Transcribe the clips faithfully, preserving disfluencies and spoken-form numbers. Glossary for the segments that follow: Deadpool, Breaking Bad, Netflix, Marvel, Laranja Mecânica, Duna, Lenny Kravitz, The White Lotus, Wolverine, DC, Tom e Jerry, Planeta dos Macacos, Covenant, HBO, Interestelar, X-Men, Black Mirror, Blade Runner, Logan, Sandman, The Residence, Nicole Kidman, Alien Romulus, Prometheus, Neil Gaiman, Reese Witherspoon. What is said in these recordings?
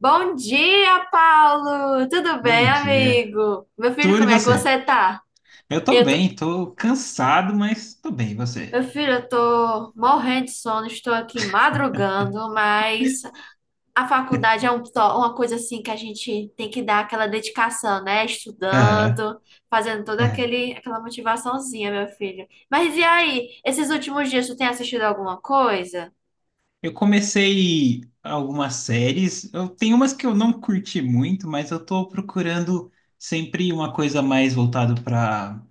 Bom dia, Paulo! Tudo bem, Bom dia. amigo? Meu filho, Tudo e como é que você? você tá? Eu tô Eu tô... bem, tô cansado, mas tô bem, e Meu você? filho, eu tô morrendo de sono, estou aqui madrugando, mas a faculdade é um to- uma coisa assim que a gente tem que dar aquela dedicação, né? Aham, Estudando, fazendo toda é. aquele... aquela motivaçãozinha, meu filho. Mas e aí, esses últimos dias, tu tem assistido alguma coisa? Eu comecei algumas séries. Eu tenho umas que eu não curti muito, mas eu tô procurando sempre uma coisa mais voltada para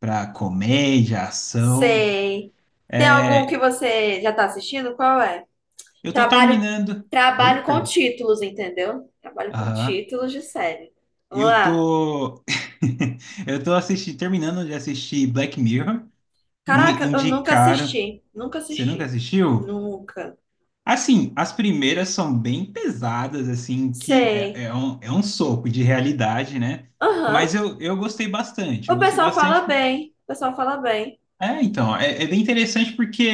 para comédia, ação. Sei. Tem algum que É, você já tá assistindo? Qual é? eu tô Trabalho, terminando. Oi, trabalho com perdão. títulos, entendeu? Trabalho com Aham. títulos de série. Vamos Eu lá. tô Eu tô assistindo, terminando de assistir Black Mirror. Me Caraca, eu nunca indicaram. assisti. Nunca Você nunca assisti. assistiu? Nunca. Assim, as primeiras são bem pesadas, assim, que é, Sei. é um, é um soco de realidade, né? Mas Aham. eu, eu gostei bastante, O eu gostei pessoal fala bastante bem. O pessoal fala bem. é, então, é, é bem interessante porque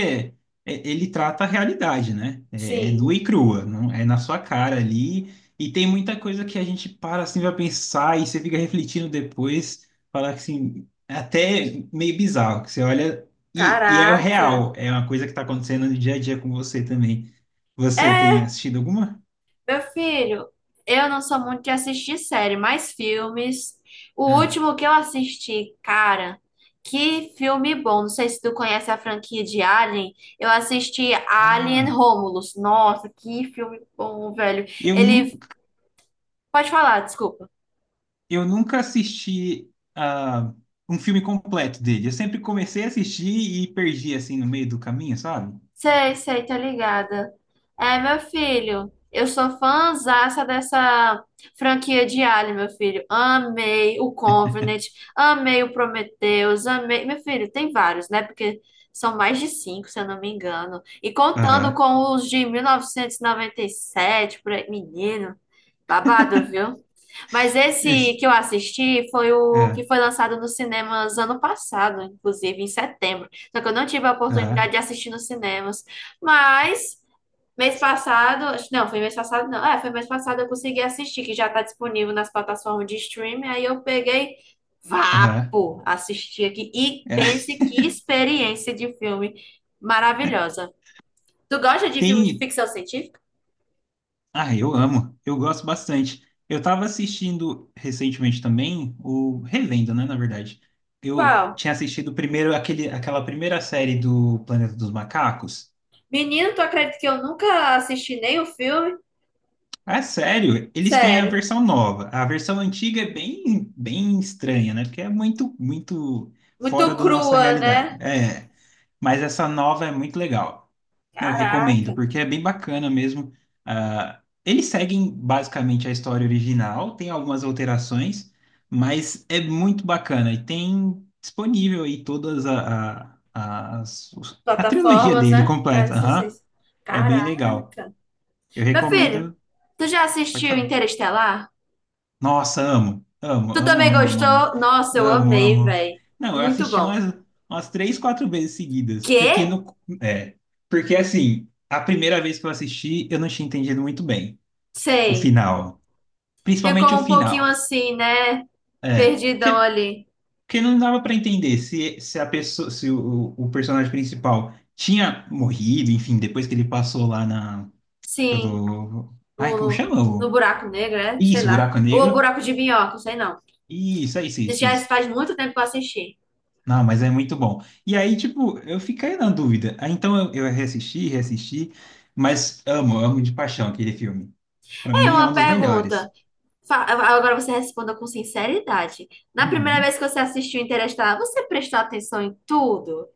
é- ele trata a realidade, né? É, é nua Sim. e crua, não é na sua cara ali. E tem muita coisa que a gente para assim, vai pensar e você fica refletindo depois, falar que, assim, é até meio bizarro, que você olha e, e é o Caraca. real, é uma coisa que está acontecendo no dia a dia com você também. Você tem É. assistido alguma? Meu filho, eu não sou muito de assistir série, mas filmes. O Ah, último que eu assisti, cara, que filme bom. Não sei se tu conhece a franquia de Alien. Eu assisti Alien ah, Romulus. Nossa, que filme bom, velho. eu Ele. nunca. Pode falar, desculpa. Eu nunca assisti ah, um filme completo dele. Eu sempre comecei a assistir e perdi assim no meio do caminho, sabe? Sei, sei, tá ligada. É, meu filho, eu sou fãzaça dessa franquia de Alien, meu filho. Amei o Covenant, amei o Prometheus, amei. Meu filho, tem vários, né? Porque são mais de cinco, se eu não me engano. E contando Aham. com os de mil novecentos e noventa e sete, por aí, menino, babado, viu? Mas esse Esse. que eu assisti foi o É, que foi lançado nos cinemas ano passado, inclusive em setembro. Só que eu não tive a oportunidade aham. de assistir nos cinemas. Mas mês passado, acho- não, foi mês passado, não. É, foi mês passado eu consegui assistir, que já está disponível nas plataformas de streaming. Aí eu peguei, Aham. vapo, assisti aqui e É. pense que experiência de filme maravilhosa. Tu gosta de filme de Tem. ficção científica? Ah, eu amo. Eu gosto bastante. Eu tava assistindo recentemente também, o revendo, né, na verdade. Eu Qual? tinha assistido primeiro aquele, aquela primeira série do Planeta dos Macacos. Menino, tu acredita que eu nunca assisti nem o filme? Ah, sério? Eles têm a Sério. versão nova. A versão antiga é bem, bem estranha, né? Porque é muito, muito fora Muito da nossa crua, realidade. né? É, mas essa nova é muito legal. Eu recomendo, Caraca. porque é bem bacana mesmo. Ah, eles seguem basicamente a história original, tem algumas alterações, mas é muito bacana. E tem disponível aí todas a, a, as- os- a trilogia Plataformas, dele né? Ah, completa. sei, sei. Aham. Sei. É bem legal. Caraca. Eu Meu filho, recomendo. tu já Pode assistiu falar. Interestelar? Nossa, amo, amo, Tu amo, também amo, amo, amo, gostou? Nossa, eu amo, amei, amo. velho. Não, eu Muito assisti bom. umas, umas três, quatro vezes seguidas, porque Quê? no, é, porque assim, a primeira vez que eu assisti, eu não tinha entendido muito bem o Sei. final, Ficou principalmente o um pouquinho final, assim, né? é, Perdidão que, ali. que não dava para entender se, se a pessoa, se o, o personagem principal tinha morrido, enfim, depois que ele passou lá na, Sim, do, ai, como no, chama? no, o- buraco negro, né? Sei Isso, lá. buraco Ou o negro. buraco de minhoca, sei não. Isso, é isso, é isso, é Já isso. faz muito tempo que eu assisti. Não, mas é muito bom. E aí, tipo, eu fiquei na dúvida. Aí, então eu, eu reassisti, reassisti, mas amo, amo de paixão aquele filme. Pra É mim é uma um dos pergunta. melhores. Fa- Agora você responda com sinceridade. Na primeira Uhum. vez que você assistiu Interestelar, você prestou atenção em tudo?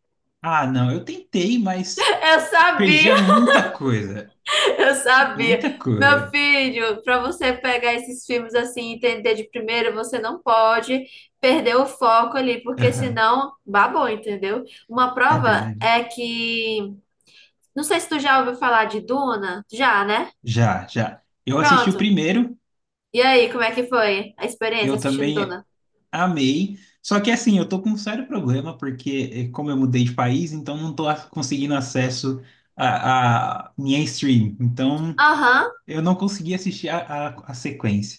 Ah, não, eu tentei, mas Eu sabia, perdia muita coisa. eu sabia. Muita Meu coisa. filho, para você pegar esses filmes assim e entender de primeiro, você não pode perder o foco ali, porque Aham, senão babou, entendeu? Uma é prova verdade. é que. Não sei se tu já ouviu falar de Duna. Já, né? Já, já. Eu assisti o Pronto. primeiro, E aí, como é que foi a experiência eu assistindo Duna? também amei. Só que assim, eu tô com um sério problema, porque eh, como eu mudei de país, então não tô a- conseguindo acesso a, a minha stream. Então. Aham. Eu não consegui assistir a, a, a sequência.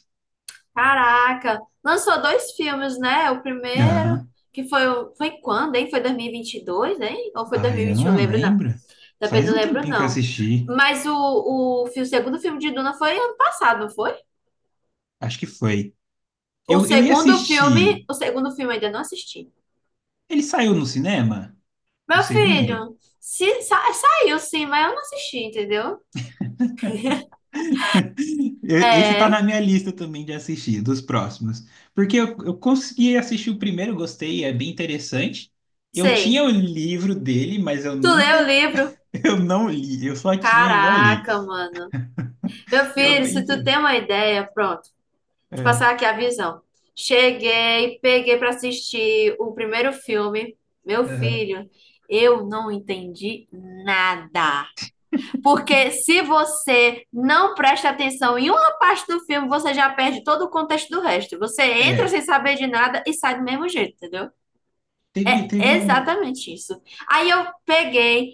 Caraca, lançou dois filmes, né? O primeiro, Ah, que foi, o- foi quando, hein? Foi dois mil e vinte e dois, hein? Ou foi ai, eu dois mil e vinte e um? não Lembro não. lembro. Também Faz não um lembro tempinho que eu não. assisti. Mas o, o, fi- o segundo filme de Duna foi ano passado, não foi? Acho que foi. O Eu, eu ia segundo assistir. filme, o segundo filme eu ainda não assisti. Ele saiu no cinema? O Meu segundo? filho, se, sa- saiu sim, mas eu não assisti, entendeu? Eu- Esse tá É, na minha lista também de assistir, dos próximos. Porque eu, eu consegui assistir o primeiro, gostei, é bem interessante. Eu sei. tinha o livro dele, mas eu Tu leu o nunca, livro? eu não li. Eu só tinha e não li. Caraca, mano. Meu Eu filho, nem se tu sei. tem uma ideia, pronto. Te É, passar aqui a visão. Cheguei, peguei para assistir o primeiro filme, meu aham. filho. Eu não entendi nada. Porque se você não presta atenção em uma parte do filme, você já perde todo o contexto do resto. Você entra É, sem saber de nada e sai do mesmo jeito, entendeu? teve, É teve um. exatamente isso. Aí eu peguei,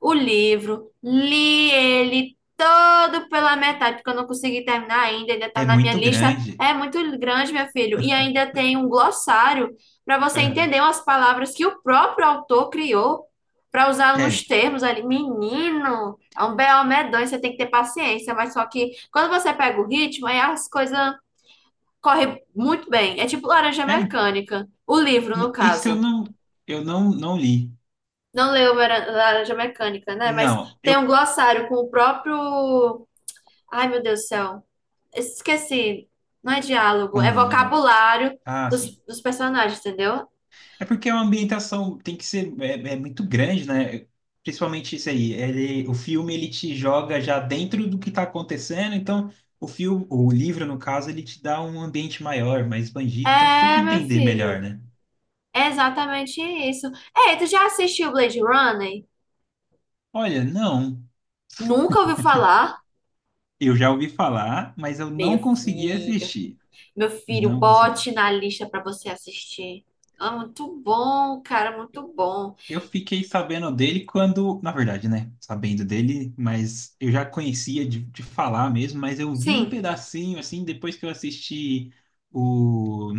o livro, li ele todo pela metade, porque eu não consegui terminar ainda, ainda está É na minha muito lista. grande. É muito grande, meu filho, e ainda tem um glossário para você Aham. entender umas palavras que o próprio autor criou para usar É, nos termos ali. Menino, é um B O medonho, você tem que ter paciência, mas só que quando você pega o ritmo, aí as coisas correm muito bem. É tipo Laranja é, Mecânica, o livro, no isso eu caso. não, eu não, não li. Não leu Mara- Laranja Mecânica, né? Mas Não, tem um eu. glossário com o próprio. Ai, meu Deus do céu. Esqueci. Não é diálogo, é Hum, vocabulário ah, dos, sim. dos personagens, entendeu? É porque a ambientação tem que ser é, é muito grande, né? Principalmente isso aí. Ele, o filme ele te joga já dentro do que está acontecendo, então o filme, o livro no caso, ele te dá um ambiente maior, mais expandido, então você tem É, que meu entender filho. melhor, né? É exatamente isso. Ei, tu já assistiu Blade Runner? Olha, não, Nunca ouviu falar? eu já ouvi falar, mas eu Meu não consegui filho. assistir. Meu filho, Não consegui. bote na lista pra você assistir. É muito bom, cara, muito bom. Eu fiquei sabendo dele quando, na verdade, né? Sabendo dele, mas eu já conhecia de, de falar mesmo, mas eu vi um Sim, pedacinho assim depois que eu assisti o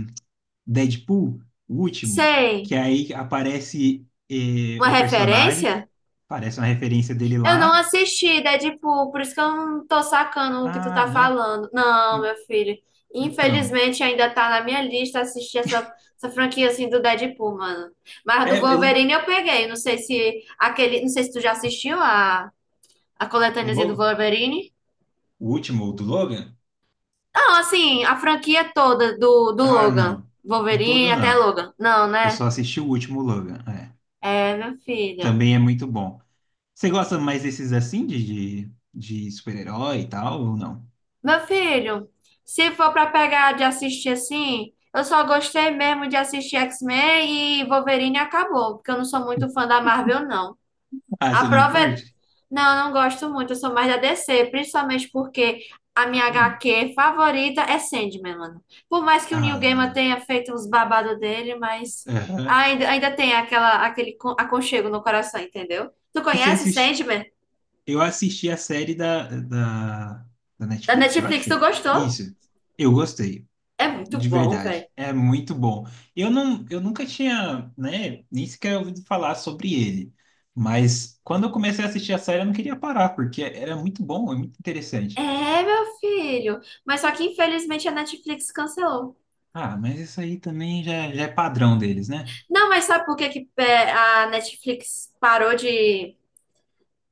Deadpool, o último, que sei. aí aparece eh, Uma o personagem, referência? aparece uma referência dele Eu não lá. assisti, Deadpool, por isso que eu não tô sacando o que tu Ah, tá não. falando. Não, en- meu filho. Então, Infelizmente ainda tá na minha lista assistir essa, essa franquia assim do Deadpool, mano. Mas do é, ele- Wolverine eu peguei. Não sei se aquele. Não sei se tu já assistiu a, a o coletâneazinha do Logan, Wolverine. o último do Logan? Não, assim, a franquia toda do, do Ah, Logan. não. Do Wolverine todo até não. Logan. Não, Eu né? só assisti o último Logan. É. É, meu filho. Também é muito bom. Você gosta mais desses assim, de, de, de super-herói e tal, ou não? Meu filho, se for pra pegar de assistir assim, eu só gostei mesmo de assistir X-Men e Wolverine e acabou, porque eu não sou muito fã da Marvel, não. Ah, A você não prova é. curte? Não, eu não gosto muito, eu sou mais da D C, principalmente porque a minha Hum. H Q favorita é Sandman, mano. Por mais que o Neil Gaiman Ah, tenha feito uns babados dele, mas aham. ainda, ainda tem aquela, aquele con- aconchego no coração, entendeu? Tu E você conhece assiste? Sandman? Eu assisti a série da, da, da Da Netflix, eu Netflix, tu acho. gostou? Isso. Eu gostei, É muito de bom, velho. verdade. É muito bom. Eu não, eu nunca tinha, né, nem sequer ouvido falar sobre ele. Mas quando eu comecei a assistir a série, eu não queria parar, porque era muito bom, é muito interessante. É, meu filho. Mas só que infelizmente a Netflix cancelou. Ah, mas isso aí também já, já é padrão deles, né? Não, mas sabe por que que é, a Netflix parou de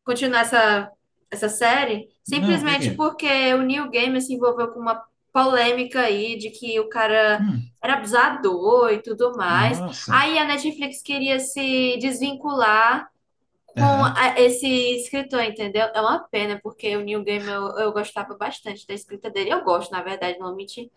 continuar essa, essa série? Não, por Simplesmente quê? porque o Neil Gaiman se envolveu com uma polêmica aí de que o cara Hum, era abusador e tudo mais. nossa. Aí a Netflix queria se desvincular com Aham. a- esse escritor, entendeu? É uma pena, porque o Neil Gaiman eu, eu gostava bastante da escrita dele. Eu gosto, na verdade, não vou mentir.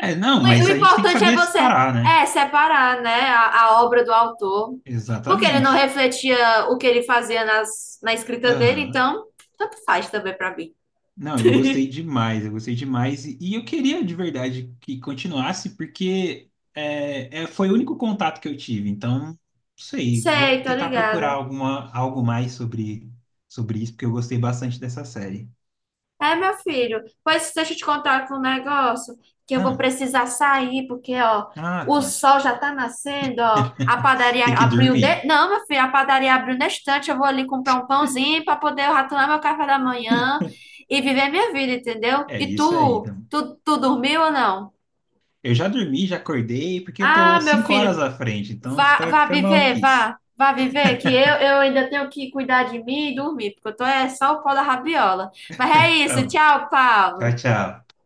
É, O, não, o mas a gente tem que importante é saber você separar, né? é separar, né, a, a obra do autor, porque ele não Exatamente. refletia o que ele fazia nas, na escrita dele, Aham. então tanto faz também pra mim. Não, eu gostei demais, eu gostei demais. E, e eu queria de verdade que continuasse, porque é, é, foi o único contato que eu tive. Então, não sei, vou Sei, tô tentar procurar ligada. alguma, algo mais sobre, sobre isso, porque eu gostei bastante dessa série. É, meu filho. Pois deixa eu te contar aqui um negócio que eu vou Ah, precisar sair, porque, ó, ah, o tá. sol já tá nascendo, ó. A padaria Tem que abriu dormir. de... Não, meu filho, a padaria abriu na estante. Eu vou ali comprar um pãozinho para poder ratonar meu café da manhã e viver minha vida, entendeu? É E isso aí. tu, tu, tu dormiu ou não? Eu já dormi, já acordei, porque eu Ah, tô meu cinco filho, horas à frente, então vá, tá, vá fica viver, maluquice. vá, vá viver, que eu, eu ainda tenho que cuidar de mim e dormir, porque eu tô é só o pó da rabiola. Mas é Tá isso, bom. tchau, Tchau, Paulo. tchau.